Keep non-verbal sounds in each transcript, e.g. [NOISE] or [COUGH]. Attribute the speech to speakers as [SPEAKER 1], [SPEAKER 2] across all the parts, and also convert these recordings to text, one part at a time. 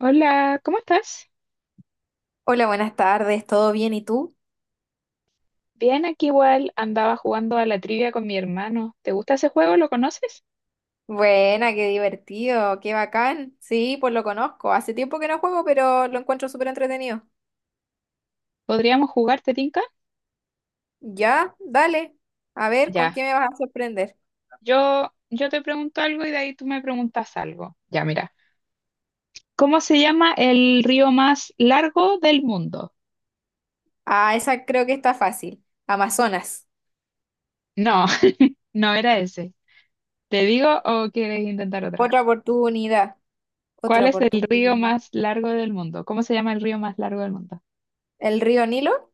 [SPEAKER 1] Hola, ¿cómo estás?
[SPEAKER 2] Hola, buenas tardes, ¿todo bien y tú?
[SPEAKER 1] Bien, aquí igual andaba jugando a la trivia con mi hermano. ¿Te gusta ese juego? ¿Lo conoces?
[SPEAKER 2] Buena, qué divertido, qué bacán. Sí, pues lo conozco. Hace tiempo que no juego, pero lo encuentro súper entretenido.
[SPEAKER 1] ¿Podríamos jugar, te tinca?
[SPEAKER 2] Ya, dale. A ver, ¿con
[SPEAKER 1] Ya.
[SPEAKER 2] qué me vas a sorprender?
[SPEAKER 1] Yo te pregunto algo y de ahí tú me preguntas algo. Ya, mira. ¿Cómo se llama el río más largo del mundo?
[SPEAKER 2] Ah, esa creo que está fácil. Amazonas.
[SPEAKER 1] No, [LAUGHS] no era ese. ¿Te digo o quieres intentar otra?
[SPEAKER 2] Otra oportunidad.
[SPEAKER 1] ¿Cuál
[SPEAKER 2] Otra
[SPEAKER 1] es el río
[SPEAKER 2] oportunidad.
[SPEAKER 1] más largo del mundo? ¿Cómo se llama el río más largo del mundo?
[SPEAKER 2] ¿El río Nilo?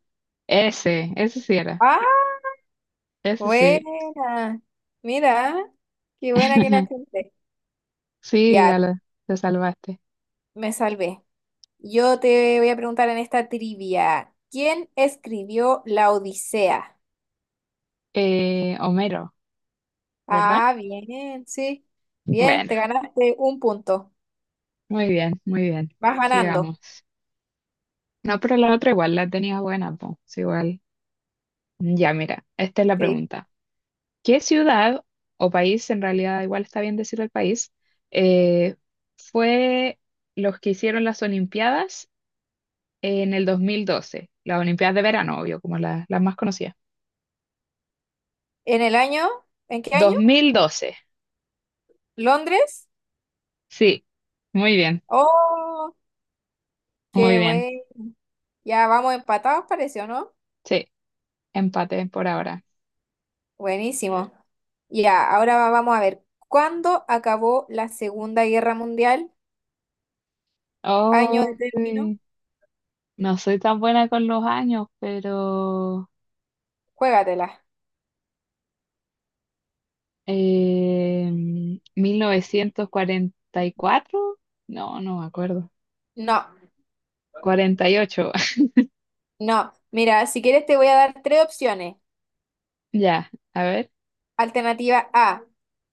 [SPEAKER 1] Ese sí era.
[SPEAKER 2] Ah,
[SPEAKER 1] Ese sí.
[SPEAKER 2] buena. Mira, qué buena que la
[SPEAKER 1] [LAUGHS]
[SPEAKER 2] gente.
[SPEAKER 1] Sí,
[SPEAKER 2] Ya,
[SPEAKER 1] ala, te salvaste.
[SPEAKER 2] me salvé. Yo te voy a preguntar en esta trivia, ¿quién escribió La Odisea?
[SPEAKER 1] Homero, ¿verdad?
[SPEAKER 2] Ah, bien, sí. Bien,
[SPEAKER 1] Bueno,
[SPEAKER 2] te ganaste un punto.
[SPEAKER 1] muy bien, muy bien.
[SPEAKER 2] Vas ganando.
[SPEAKER 1] Sigamos. No, pero la otra igual la tenía buena, pues, igual. Ya, mira, esta es la
[SPEAKER 2] Sí.
[SPEAKER 1] pregunta. ¿Qué ciudad o país, en realidad igual está bien decir el país, eh, fue los que hicieron las Olimpiadas en el 2012? Las Olimpiadas de verano, obvio, como las más conocidas.
[SPEAKER 2] ¿En el año? ¿En qué año?
[SPEAKER 1] 2012,
[SPEAKER 2] ¿Londres?
[SPEAKER 1] sí. Muy bien,
[SPEAKER 2] Oh,
[SPEAKER 1] muy
[SPEAKER 2] qué
[SPEAKER 1] bien.
[SPEAKER 2] bueno. Ya vamos empatados, parece, ¿o no?
[SPEAKER 1] Sí, empate por ahora.
[SPEAKER 2] Buenísimo. Ya, ahora vamos a ver. ¿Cuándo acabó la Segunda Guerra Mundial? ¿Año de
[SPEAKER 1] Oh,
[SPEAKER 2] término?
[SPEAKER 1] sí. No soy tan buena con los años, pero
[SPEAKER 2] Juégatela.
[SPEAKER 1] eh, 1944 no, no me acuerdo.
[SPEAKER 2] No,
[SPEAKER 1] 48. [LAUGHS]
[SPEAKER 2] no. Mira, si quieres te voy a dar tres opciones.
[SPEAKER 1] Ya, a ver.
[SPEAKER 2] Alternativa A,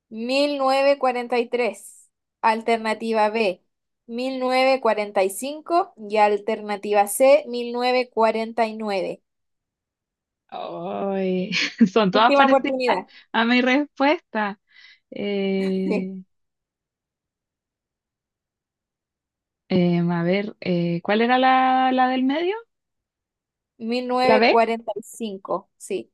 [SPEAKER 2] 1943. Alternativa B, mil novecientos cuarenta y cinco y alternativa C, 1949.
[SPEAKER 1] Ay, [LAUGHS] son todas
[SPEAKER 2] Última
[SPEAKER 1] parecidas
[SPEAKER 2] oportunidad.
[SPEAKER 1] a mi respuesta.
[SPEAKER 2] Sí,
[SPEAKER 1] Eh, a ver, ¿cuál era la del medio?
[SPEAKER 2] mil
[SPEAKER 1] ¿La
[SPEAKER 2] novecientos
[SPEAKER 1] B?
[SPEAKER 2] cuarenta y cinco. Sí,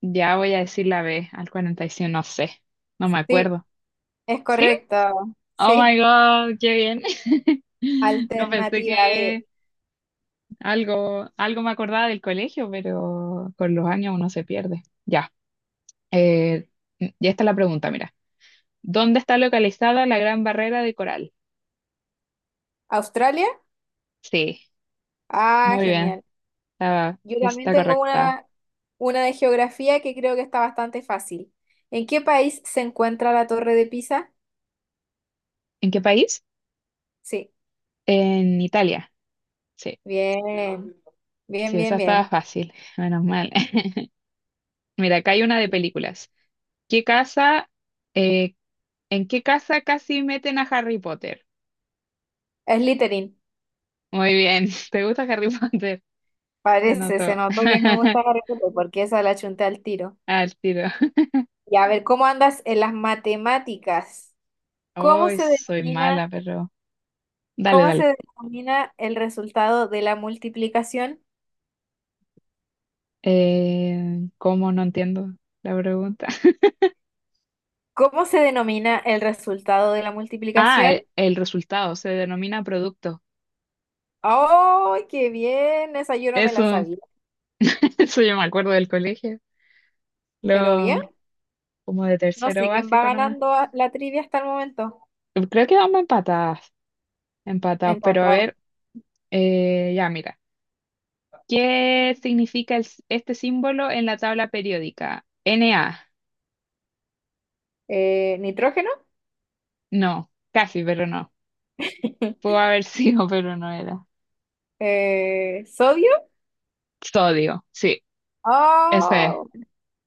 [SPEAKER 1] Ya voy a decir la B, al 45 no sé, no me
[SPEAKER 2] sí,
[SPEAKER 1] acuerdo.
[SPEAKER 2] es
[SPEAKER 1] ¿Sí?
[SPEAKER 2] correcto.
[SPEAKER 1] Oh
[SPEAKER 2] Sí.
[SPEAKER 1] my God, qué bien. [LAUGHS] No pensé
[SPEAKER 2] Alternativa
[SPEAKER 1] que.
[SPEAKER 2] B,
[SPEAKER 1] Algo me acordaba del colegio, pero con los años uno se pierde. Ya, eh, ya está la pregunta, mira. ¿Dónde está localizada la Gran Barrera de Coral?
[SPEAKER 2] Australia.
[SPEAKER 1] Sí,
[SPEAKER 2] Ah,
[SPEAKER 1] muy bien,
[SPEAKER 2] genial.
[SPEAKER 1] está,
[SPEAKER 2] Yo también
[SPEAKER 1] está
[SPEAKER 2] tengo
[SPEAKER 1] correcta.
[SPEAKER 2] una de geografía que creo que está bastante fácil. ¿En qué país se encuentra la Torre de Pisa?
[SPEAKER 1] ¿En qué país?
[SPEAKER 2] Sí.
[SPEAKER 1] En Italia. Sí,
[SPEAKER 2] Bien, bien,
[SPEAKER 1] sí, esa
[SPEAKER 2] bien,
[SPEAKER 1] estaba
[SPEAKER 2] bien.
[SPEAKER 1] fácil, menos mal. [LAUGHS] Mira, acá hay una de películas. ¿Qué casa, eh, en qué casa casi meten a Harry Potter?
[SPEAKER 2] Es Slytherin,
[SPEAKER 1] Muy bien, [LAUGHS] ¿te gusta Harry Potter? Se
[SPEAKER 2] parece, se
[SPEAKER 1] notó.
[SPEAKER 2] notó que me gusta
[SPEAKER 1] [LAUGHS]
[SPEAKER 2] Harry Potter porque esa la chunté al tiro.
[SPEAKER 1] Al tiro.
[SPEAKER 2] Y a ver, ¿cómo andas en las matemáticas? ¿Cómo
[SPEAKER 1] Hoy
[SPEAKER 2] se
[SPEAKER 1] soy
[SPEAKER 2] denomina,
[SPEAKER 1] mala, pero dale,
[SPEAKER 2] cómo
[SPEAKER 1] dale.
[SPEAKER 2] se denomina el resultado de la multiplicación?
[SPEAKER 1] ¿Cómo no entiendo la pregunta? [LAUGHS]
[SPEAKER 2] ¿Cómo se denomina el resultado de la
[SPEAKER 1] Ah,
[SPEAKER 2] multiplicación?
[SPEAKER 1] el resultado se denomina producto.
[SPEAKER 2] ¡Ay, qué bien! Esa yo no me la
[SPEAKER 1] Eso,
[SPEAKER 2] sabía.
[SPEAKER 1] [LAUGHS] eso yo me acuerdo del colegio,
[SPEAKER 2] Pero bien,
[SPEAKER 1] lo, como de
[SPEAKER 2] no
[SPEAKER 1] tercero
[SPEAKER 2] sé quién va
[SPEAKER 1] básico nomás.
[SPEAKER 2] ganando la trivia hasta el momento.
[SPEAKER 1] Creo que vamos empatadas, empatados, pero a
[SPEAKER 2] Empatado.
[SPEAKER 1] ver, ya mira. ¿Qué significa este símbolo en la tabla periódica? Na.
[SPEAKER 2] ¿Nitrógeno?
[SPEAKER 1] No, casi, pero no. Pudo
[SPEAKER 2] [LAUGHS]
[SPEAKER 1] haber sido, [LAUGHS] pero no era.
[SPEAKER 2] ¿Sodio?
[SPEAKER 1] Sodio, sí, ese es.
[SPEAKER 2] Ah,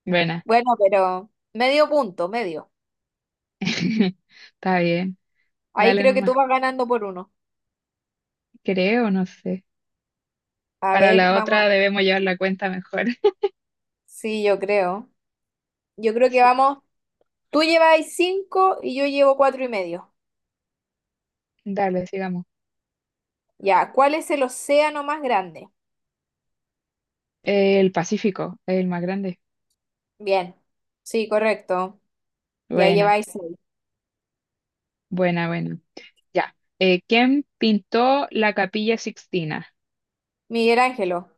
[SPEAKER 1] Buena.
[SPEAKER 2] bueno, pero medio punto, medio.
[SPEAKER 1] [LAUGHS] Está bien,
[SPEAKER 2] Ahí
[SPEAKER 1] dale
[SPEAKER 2] creo que tú
[SPEAKER 1] nomás.
[SPEAKER 2] vas ganando por uno.
[SPEAKER 1] Creo, no sé.
[SPEAKER 2] A
[SPEAKER 1] Para
[SPEAKER 2] ver,
[SPEAKER 1] la
[SPEAKER 2] vamos.
[SPEAKER 1] otra debemos llevar la cuenta mejor. [LAUGHS]
[SPEAKER 2] Sí, yo creo. Yo creo que
[SPEAKER 1] Sí.
[SPEAKER 2] vamos. Tú lleváis cinco y yo llevo cuatro y medio.
[SPEAKER 1] Dale, sigamos.
[SPEAKER 2] Ya, ¿cuál es el océano más grande?
[SPEAKER 1] El Pacífico, el más grande.
[SPEAKER 2] Bien. Sí, correcto. Ya
[SPEAKER 1] Buena,
[SPEAKER 2] lleváis seis.
[SPEAKER 1] buena, buena. Ya. ¿Quién pintó la Capilla Sixtina?
[SPEAKER 2] Miguel Ángelo.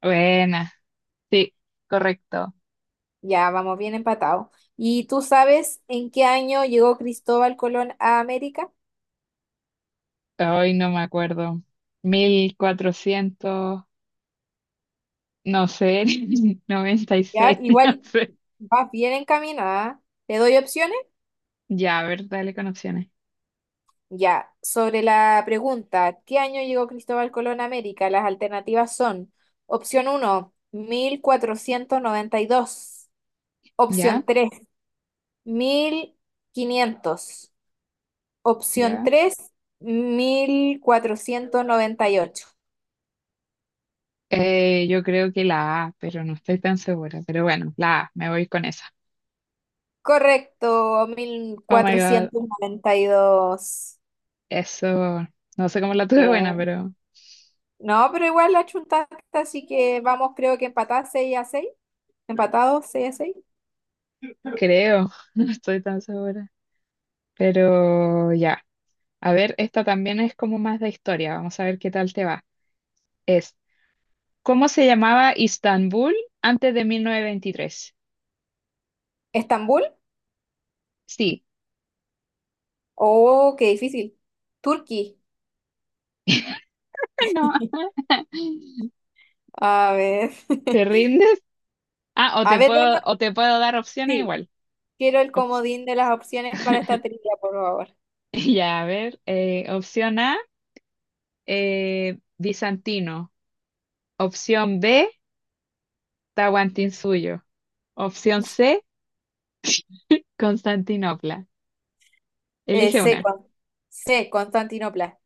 [SPEAKER 1] Buena, sí, correcto.
[SPEAKER 2] Ya, vamos bien empatado. ¿Y tú sabes en qué año llegó Cristóbal Colón a América?
[SPEAKER 1] Hoy no me acuerdo. 1400 no sé, [LAUGHS] noventa y
[SPEAKER 2] Ya,
[SPEAKER 1] seis [LAUGHS] No
[SPEAKER 2] igual
[SPEAKER 1] sé.
[SPEAKER 2] vas bien encaminada. ¿Te doy opciones?
[SPEAKER 1] Ya, a ver, dale con opciones.
[SPEAKER 2] Ya, sobre la pregunta, ¿qué año llegó Cristóbal Colón a América? Las alternativas son opción uno, 1492;
[SPEAKER 1] ¿Ya?
[SPEAKER 2] opción tres, 1500; opción
[SPEAKER 1] ¿Ya?
[SPEAKER 2] tres, 1498.
[SPEAKER 1] Yo creo que la A, pero no estoy tan segura. Pero bueno, la A, me voy con esa.
[SPEAKER 2] Correcto,
[SPEAKER 1] Oh my God,
[SPEAKER 2] 1492.
[SPEAKER 1] eso, no sé cómo la tuve buena,
[SPEAKER 2] Bien.
[SPEAKER 1] pero
[SPEAKER 2] No, pero igual la chuntaste, así que vamos, creo que empatadas 6 a 6, empatados 6 a 6.
[SPEAKER 1] creo, [LAUGHS] no estoy tan segura. Pero ya, a ver, esta también es como más de historia, vamos a ver qué tal te va. Es, ¿Cómo se llamaba Istanbul antes de 1923?
[SPEAKER 2] ¿Estambul?
[SPEAKER 1] Sí,
[SPEAKER 2] Oh, qué difícil. Turquí.
[SPEAKER 1] [LAUGHS] no,
[SPEAKER 2] A ver.
[SPEAKER 1] ¿te
[SPEAKER 2] [LAUGHS]
[SPEAKER 1] rindes? Ah, o
[SPEAKER 2] A
[SPEAKER 1] te
[SPEAKER 2] ver,
[SPEAKER 1] puedo, dar opciones
[SPEAKER 2] sí.
[SPEAKER 1] igual.
[SPEAKER 2] Quiero el
[SPEAKER 1] Op-
[SPEAKER 2] comodín de las opciones para esta trivia, por favor.
[SPEAKER 1] [LAUGHS] ya, a ver, opción A, bizantino. Opción B, Tahuantinsuyo. Opción C, Constantinopla. Elige
[SPEAKER 2] C,
[SPEAKER 1] una.
[SPEAKER 2] C, Constantinopla.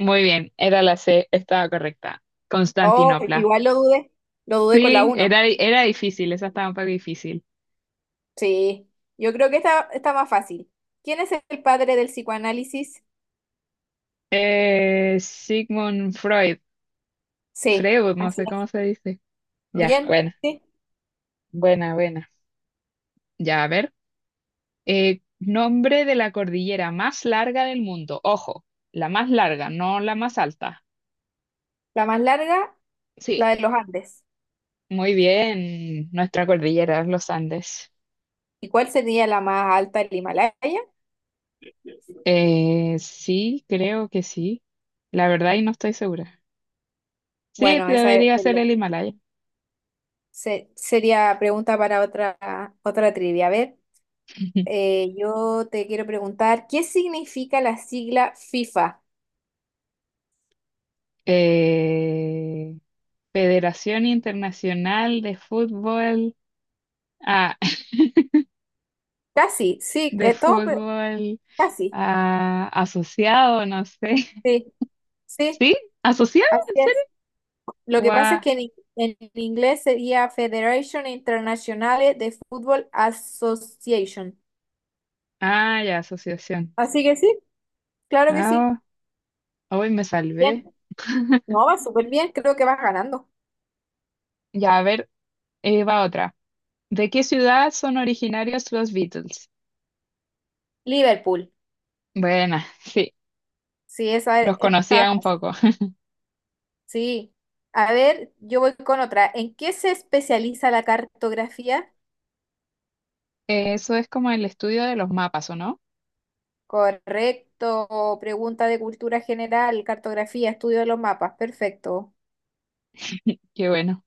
[SPEAKER 1] Muy bien, era la C, estaba correcta.
[SPEAKER 2] Oh,
[SPEAKER 1] Constantinopla.
[SPEAKER 2] igual lo dudé. Lo dudé con la
[SPEAKER 1] Sí,
[SPEAKER 2] uno.
[SPEAKER 1] era difícil, esa estaba un poco difícil.
[SPEAKER 2] Sí. Yo creo que está más fácil. ¿Quién es el padre del psicoanálisis?
[SPEAKER 1] Sigmund Freud.
[SPEAKER 2] C.
[SPEAKER 1] Freud, no
[SPEAKER 2] Así
[SPEAKER 1] sé
[SPEAKER 2] es.
[SPEAKER 1] cómo se dice. Ya,
[SPEAKER 2] Bien.
[SPEAKER 1] buena,
[SPEAKER 2] Sí.
[SPEAKER 1] buena, buena. Ya, a ver. Nombre de la cordillera más larga del mundo. Ojo, la más larga, no la más alta.
[SPEAKER 2] La más larga,
[SPEAKER 1] Sí,
[SPEAKER 2] la de los Andes.
[SPEAKER 1] muy bien. Nuestra cordillera, los Andes.
[SPEAKER 2] ¿Y cuál sería la más alta, el Himalaya?
[SPEAKER 1] Sí, creo que sí. La verdad, y no estoy segura. Sí,
[SPEAKER 2] Bueno,
[SPEAKER 1] te
[SPEAKER 2] esa
[SPEAKER 1] debería ser
[SPEAKER 2] sería.
[SPEAKER 1] el Himalaya.
[SPEAKER 2] Sería pregunta para otra trivia. A ver,
[SPEAKER 1] [LAUGHS]
[SPEAKER 2] yo te quiero preguntar, ¿qué significa la sigla FIFA?
[SPEAKER 1] Eh, Federación Internacional de Fútbol, ah, [LAUGHS]
[SPEAKER 2] Casi, sí,
[SPEAKER 1] de
[SPEAKER 2] todo, pero
[SPEAKER 1] fútbol
[SPEAKER 2] casi,
[SPEAKER 1] ah, asociado, no sé. [LAUGHS]
[SPEAKER 2] sí, sí,
[SPEAKER 1] ¿Sí? ¿Asociado?
[SPEAKER 2] así
[SPEAKER 1] ¿En
[SPEAKER 2] es.
[SPEAKER 1] serio?
[SPEAKER 2] Lo que pasa
[SPEAKER 1] Guau.
[SPEAKER 2] es que en inglés sería Federation Internationale de Football Association.
[SPEAKER 1] Ah, ya, asociación.
[SPEAKER 2] Así que sí, claro que sí.
[SPEAKER 1] Ah, hoy me
[SPEAKER 2] Bien,
[SPEAKER 1] salvé.
[SPEAKER 2] no, va súper bien, creo que vas ganando.
[SPEAKER 1] Ya, a ver, va otra. ¿De qué ciudad son originarios los Beatles?
[SPEAKER 2] Liverpool,
[SPEAKER 1] Buena, [LAUGHS] sí,
[SPEAKER 2] sí, esa
[SPEAKER 1] los
[SPEAKER 2] está
[SPEAKER 1] conocía un
[SPEAKER 2] fácil.
[SPEAKER 1] poco.
[SPEAKER 2] Sí. A ver, yo voy con otra. ¿En qué se especializa la cartografía?
[SPEAKER 1] Eso es como el estudio de los mapas, ¿o no?
[SPEAKER 2] Correcto. Pregunta de cultura general, cartografía, estudio de los mapas. Perfecto.
[SPEAKER 1] Qué bueno.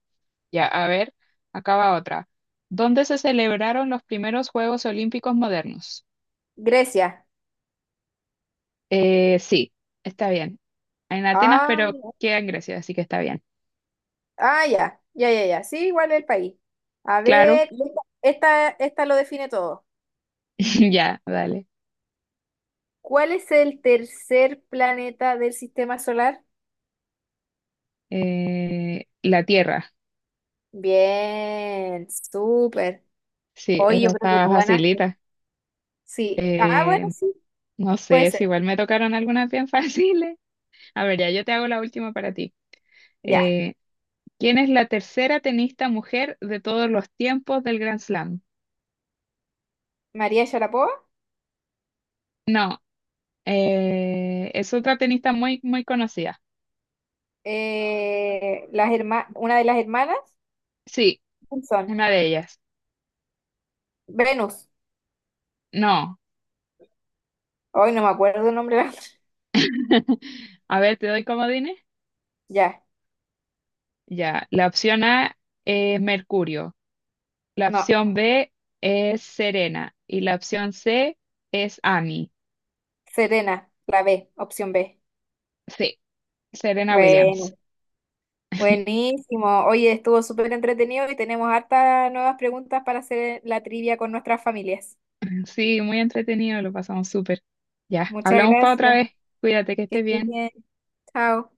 [SPEAKER 1] Ya, a ver, acaba otra. ¿Dónde se celebraron los primeros Juegos Olímpicos modernos?
[SPEAKER 2] Grecia.
[SPEAKER 1] Sí, está bien. En Atenas,
[SPEAKER 2] Ah,
[SPEAKER 1] pero queda en Grecia, así que está bien.
[SPEAKER 2] ah, ya, ya, ya, ya. Sí, igual el país. A
[SPEAKER 1] Claro,
[SPEAKER 2] ver, y esta lo define todo.
[SPEAKER 1] [LAUGHS] ya, dale.
[SPEAKER 2] ¿Cuál es el tercer planeta del sistema solar?
[SPEAKER 1] La Tierra,
[SPEAKER 2] Bien, súper.
[SPEAKER 1] sí,
[SPEAKER 2] Hoy yo
[SPEAKER 1] esa
[SPEAKER 2] creo que
[SPEAKER 1] está
[SPEAKER 2] tú ganaste.
[SPEAKER 1] facilita.
[SPEAKER 2] Sí. Ah, bueno,
[SPEAKER 1] Eh,
[SPEAKER 2] sí,
[SPEAKER 1] no
[SPEAKER 2] puede
[SPEAKER 1] sé, si
[SPEAKER 2] ser.
[SPEAKER 1] igual me tocaron algunas bien [LAUGHS] fáciles. A ver, ya yo te hago la última para ti.
[SPEAKER 2] Ya.
[SPEAKER 1] Eh, ¿Quién es la tercera tenista mujer de todos los tiempos del Grand Slam?
[SPEAKER 2] María Sharapova.
[SPEAKER 1] No, es otra tenista muy, muy conocida.
[SPEAKER 2] Una de las hermanas,
[SPEAKER 1] Sí,
[SPEAKER 2] ¿quién son?
[SPEAKER 1] una de ellas.
[SPEAKER 2] Venus.
[SPEAKER 1] No,
[SPEAKER 2] Hoy no me acuerdo el nombre de [LAUGHS] otra.
[SPEAKER 1] a ver, te doy comodines.
[SPEAKER 2] Ya,
[SPEAKER 1] Ya, la opción A es Mercurio, la
[SPEAKER 2] no.
[SPEAKER 1] opción B es Serena y la opción C es Annie.
[SPEAKER 2] Serena, la B, opción B.
[SPEAKER 1] Sí, Serena Williams.
[SPEAKER 2] Bueno,
[SPEAKER 1] [LAUGHS]
[SPEAKER 2] buenísimo. Oye, estuvo súper entretenido y tenemos hartas nuevas preguntas para hacer la trivia con nuestras familias.
[SPEAKER 1] Sí, muy entretenido, lo pasamos súper. Ya,
[SPEAKER 2] Muchas
[SPEAKER 1] hablamos para otra
[SPEAKER 2] gracias.
[SPEAKER 1] vez. Cuídate, que
[SPEAKER 2] Que
[SPEAKER 1] estés
[SPEAKER 2] estés
[SPEAKER 1] bien.
[SPEAKER 2] bien. Chao.